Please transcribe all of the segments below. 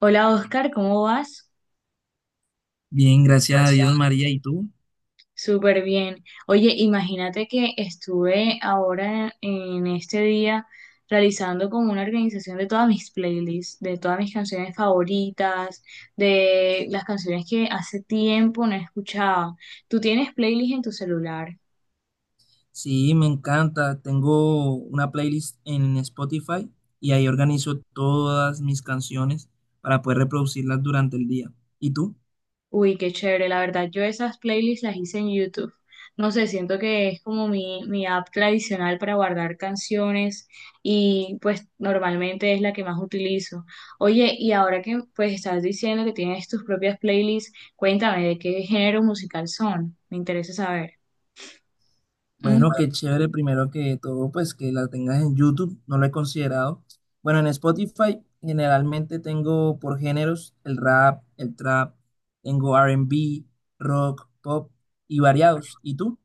Hola Oscar, ¿cómo vas? Bien, gracias a Dios, María. ¿Y tú? Súper bien. Oye, imagínate que estuve ahora en este día realizando como una organización de todas mis playlists, de todas mis canciones favoritas, de las canciones que hace tiempo no escuchaba. ¿Tú tienes playlist en tu celular? Sí, me encanta. Tengo una playlist en Spotify y ahí organizo todas mis canciones para poder reproducirlas durante el día. ¿Y tú? Uy, qué chévere, la verdad, yo esas playlists las hice en YouTube. No sé, siento que es como mi app tradicional para guardar canciones y pues normalmente es la que más utilizo. Oye, y ahora que pues estás diciendo que tienes tus propias playlists, cuéntame de qué género musical son, me interesa saber. ¿Mm? Bueno, qué chévere. Primero que todo, pues que la tengas en YouTube. No lo he considerado. Bueno, en Spotify generalmente tengo por géneros el rap, el trap, tengo R&B, rock, pop y variados. ¿Y tú?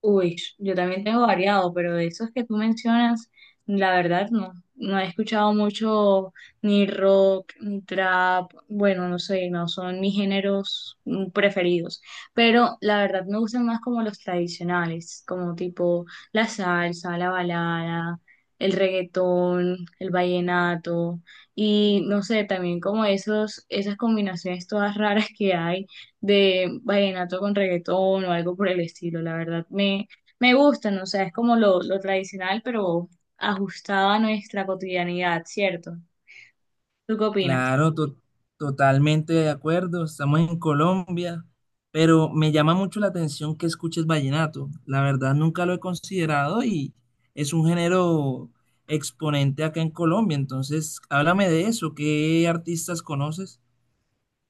Uy, yo también tengo variado, pero de esos que tú mencionas, la verdad no, no he escuchado mucho ni rock, ni trap, bueno, no sé, no son mis géneros preferidos, pero la verdad me gustan más como los tradicionales, como tipo la salsa, la balada, el reggaetón, el vallenato y no sé, también como esos, esas combinaciones todas raras que hay de vallenato con reggaetón o algo por el estilo. La verdad me gustan, o sea, es como lo tradicional, pero ajustado a nuestra cotidianidad, ¿cierto? ¿Tú qué opinas? Claro, totalmente de acuerdo. Estamos en Colombia, pero me llama mucho la atención que escuches vallenato. La verdad, nunca lo he considerado y es un género exponente acá en Colombia. Entonces, háblame de eso. ¿Qué artistas conoces?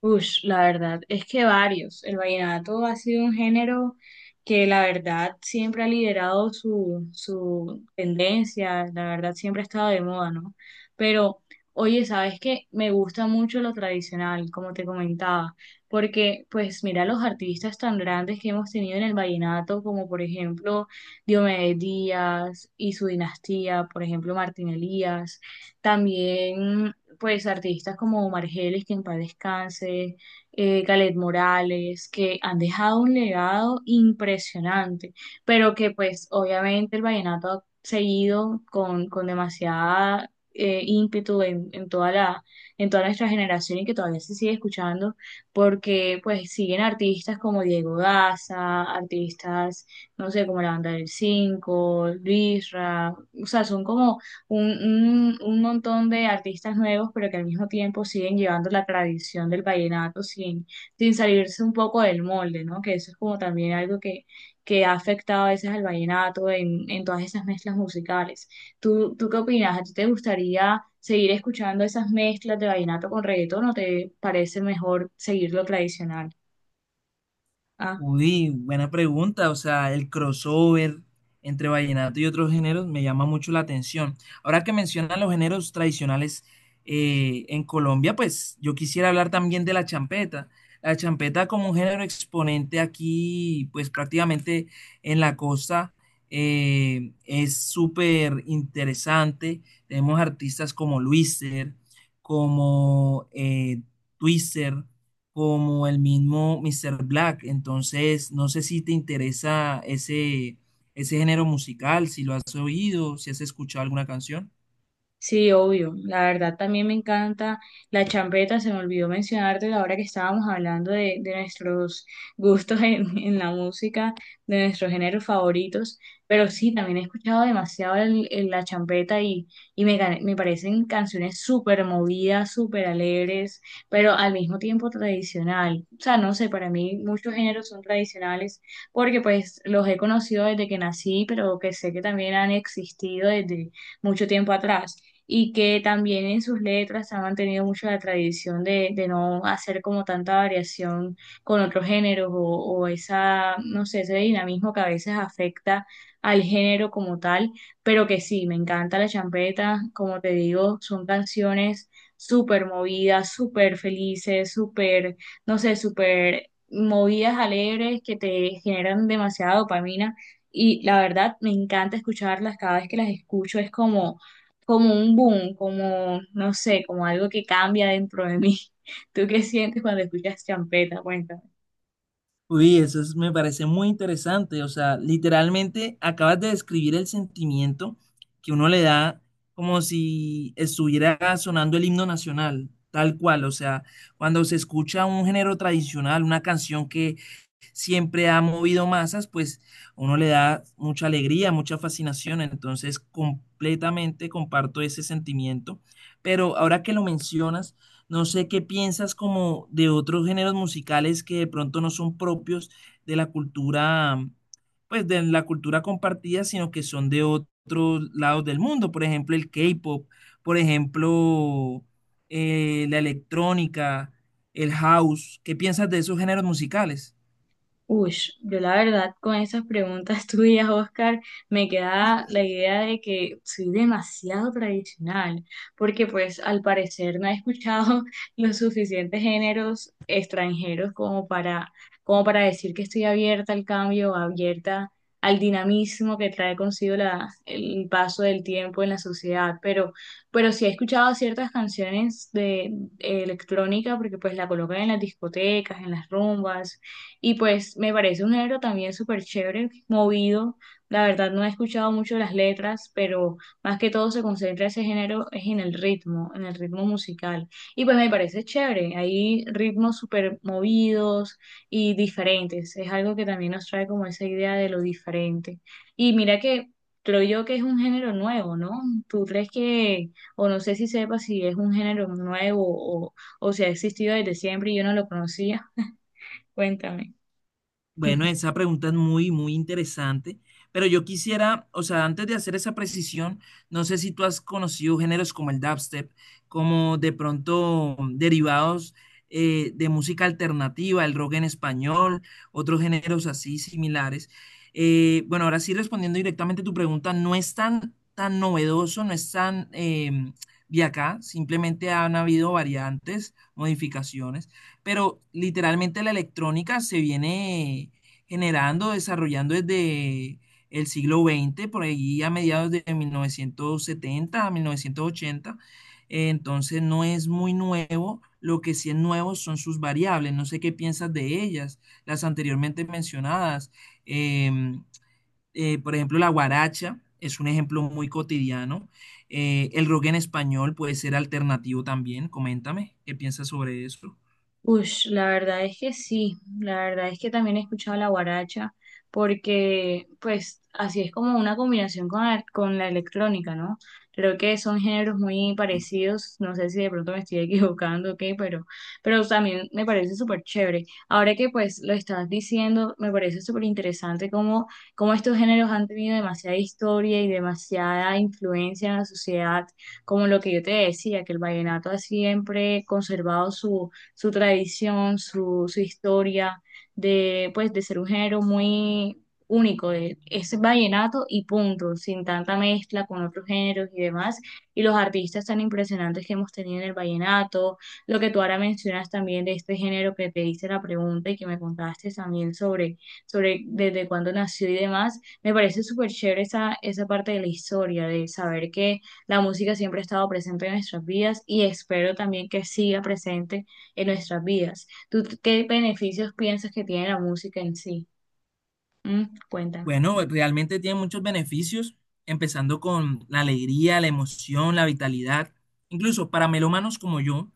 Ush, la verdad es que varios. El vallenato ha sido un género que la verdad siempre ha liderado su tendencia, la verdad siempre ha estado de moda, ¿no? Pero, oye, ¿sabes qué? Me gusta mucho lo tradicional, como te comentaba, porque pues mira los artistas tan grandes que hemos tenido en el vallenato, como por ejemplo Diomedes Díaz y su dinastía, por ejemplo Martín Elías, también pues artistas como Margelis, que en paz descanse, Galet Morales, que han dejado un legado impresionante, pero que pues obviamente el vallenato ha seguido con demasiada ímpetu en toda nuestra generación y que todavía se sigue escuchando, porque pues siguen artistas como Diego Daza, artistas, no sé, como la banda del 5, Luisra, o sea, son como un, un montón de artistas nuevos, pero que al mismo tiempo siguen llevando la tradición del vallenato sin salirse un poco del molde, ¿no? Que eso es como también algo que ha afectado a veces al vallenato en todas esas mezclas musicales. ¿Tú qué opinas? ¿A ti te gustaría seguir escuchando esas mezclas de vallenato con reggaetón o te parece mejor seguir lo tradicional? Ah. Uy, buena pregunta. O sea, el crossover entre vallenato y otros géneros me llama mucho la atención. Ahora que mencionan los géneros tradicionales en Colombia, pues yo quisiera hablar también de la champeta. La champeta como un género exponente aquí, pues prácticamente en la costa, es súper interesante. Tenemos artistas como Luiser, como Twister como el mismo Mr. Black. Entonces, no sé si te interesa ese género musical, si lo has oído, si has escuchado alguna canción. Sí, obvio. La verdad también me encanta la champeta. Se me olvidó mencionarte la hora que estábamos hablando de nuestros gustos en, en la música, de nuestros géneros favoritos. Pero sí, también he escuchado demasiado la champeta y me parecen canciones súper movidas, súper alegres, pero al mismo tiempo tradicional. O sea, no sé, para mí muchos géneros son tradicionales porque pues los he conocido desde que nací, pero que sé que también han existido desde mucho tiempo atrás y que también en sus letras han mantenido mucho la tradición de no hacer como tanta variación con otros géneros o esa, no sé, ese dinamismo que a veces afecta al género como tal, pero que sí, me encanta la champeta, como te digo, son canciones súper movidas, súper felices, súper, no sé, súper movidas alegres que te generan demasiada dopamina y la verdad me encanta escucharlas, cada vez que las escucho es como un boom, como, no sé, como algo que cambia dentro de mí. ¿Tú qué sientes cuando escuchas champeta? Cuéntame. Uy, me parece muy interesante. O sea, literalmente acabas de describir el sentimiento que uno le da como si estuviera sonando el himno nacional, tal cual. O sea, cuando se escucha un género tradicional, una canción que siempre ha movido masas, pues uno le da mucha alegría, mucha fascinación, entonces completamente comparto ese sentimiento, pero ahora que lo mencionas, no sé qué piensas como de otros géneros musicales que de pronto no son propios de la cultura, pues de la cultura compartida, sino que son de otros lados del mundo, por ejemplo el K-pop, por ejemplo la electrónica, el house, ¿qué piensas de esos géneros musicales? Uy, yo la verdad con esas preguntas tuyas, Oscar, me queda la idea de que soy demasiado tradicional, porque pues al parecer no he escuchado los suficientes géneros extranjeros como para decir que estoy abierta al cambio, abierta al dinamismo que trae consigo la, el paso del tiempo en la sociedad, pero sí he escuchado ciertas canciones de electrónica, porque pues la colocan en las discotecas, en las rumbas y pues me parece un género también súper chévere, movido. La verdad no he escuchado mucho las letras, pero más que todo se concentra ese género es en el ritmo musical. Y pues me parece chévere. Hay ritmos súper movidos y diferentes. Es algo que también nos trae como esa idea de lo diferente. Y mira que creo yo que es un género nuevo, ¿no? ¿Tú crees que, o no sé si sepas si es un género nuevo o si ha existido desde siempre y yo no lo conocía? Cuéntame. Bueno, esa pregunta es muy interesante, pero yo quisiera, o sea, antes de hacer esa precisión, no sé si tú has conocido géneros como el dubstep, como de pronto derivados de música alternativa, el rock en español, otros géneros así similares. Bueno, ahora sí respondiendo directamente a tu pregunta, no es tan novedoso, no es tan de acá, simplemente han habido variantes, modificaciones, pero literalmente la electrónica se viene generando, desarrollando desde el siglo XX, por ahí a mediados de 1970 a 1980. Entonces no es muy nuevo, lo que sí es nuevo son sus variables, no sé qué piensas de ellas, las anteriormente mencionadas. Em, por ejemplo, la guaracha es un ejemplo muy cotidiano. El rock en español puede ser alternativo también, coméntame, ¿qué piensas sobre eso? Ush, la verdad es que sí, la verdad es que también he escuchado la guaracha, porque pues así es como una combinación con la electrónica, ¿no? Creo que son géneros muy parecidos, no sé si de pronto me estoy equivocando o qué, pero también me parece súper chévere. Ahora que pues lo estás diciendo, me parece súper interesante cómo estos géneros han tenido demasiada historia y demasiada influencia en la sociedad, como lo que yo te decía, que el vallenato ha siempre conservado su tradición, su historia de, pues, de ser un género muy único, es vallenato y punto, sin tanta mezcla con otros géneros y demás, y los artistas tan impresionantes que hemos tenido en el vallenato, lo que tú ahora mencionas también de este género que te hice la pregunta y que me contaste también sobre desde cuándo nació y demás, me parece súper chévere esa parte de la historia, de saber que la música siempre ha estado presente en nuestras vidas y espero también que siga presente en nuestras vidas. ¿Tú qué beneficios piensas que tiene la música en sí? Mm, cuéntame. Bueno, realmente tiene muchos beneficios, empezando con la alegría, la emoción, la vitalidad. Incluso para melómanos como yo,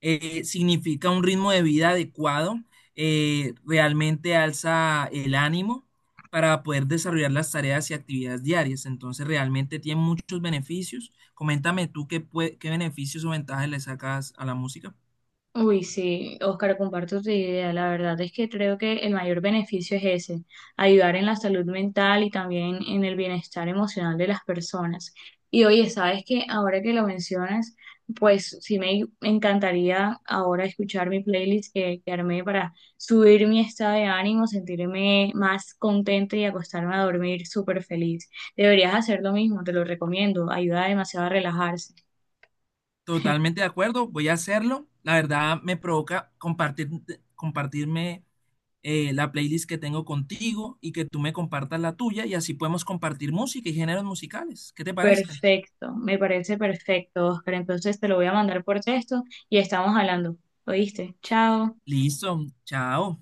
significa un ritmo de vida adecuado, realmente alza el ánimo para poder desarrollar las tareas y actividades diarias. Entonces, realmente tiene muchos beneficios. Coméntame tú qué, qué beneficios o ventajas le sacas a la música. Uy, sí, Oscar, comparto tu idea. La verdad es que creo que el mayor beneficio es ese, ayudar en la salud mental y también en el bienestar emocional de las personas. Y oye, sabes que ahora que lo mencionas, pues sí me encantaría ahora escuchar mi playlist que armé para subir mi estado de ánimo, sentirme más contenta y acostarme a dormir súper feliz. Deberías hacer lo mismo, te lo recomiendo, ayuda demasiado a relajarse. Totalmente de acuerdo, voy a hacerlo. La verdad me provoca compartir, compartirme la playlist que tengo contigo y que tú me compartas la tuya y así podemos compartir música y géneros musicales. ¿Qué te parece? Perfecto, me parece perfecto, Oscar. Entonces te lo voy a mandar por texto y estamos hablando. ¿Oíste? Chao. Listo, chao.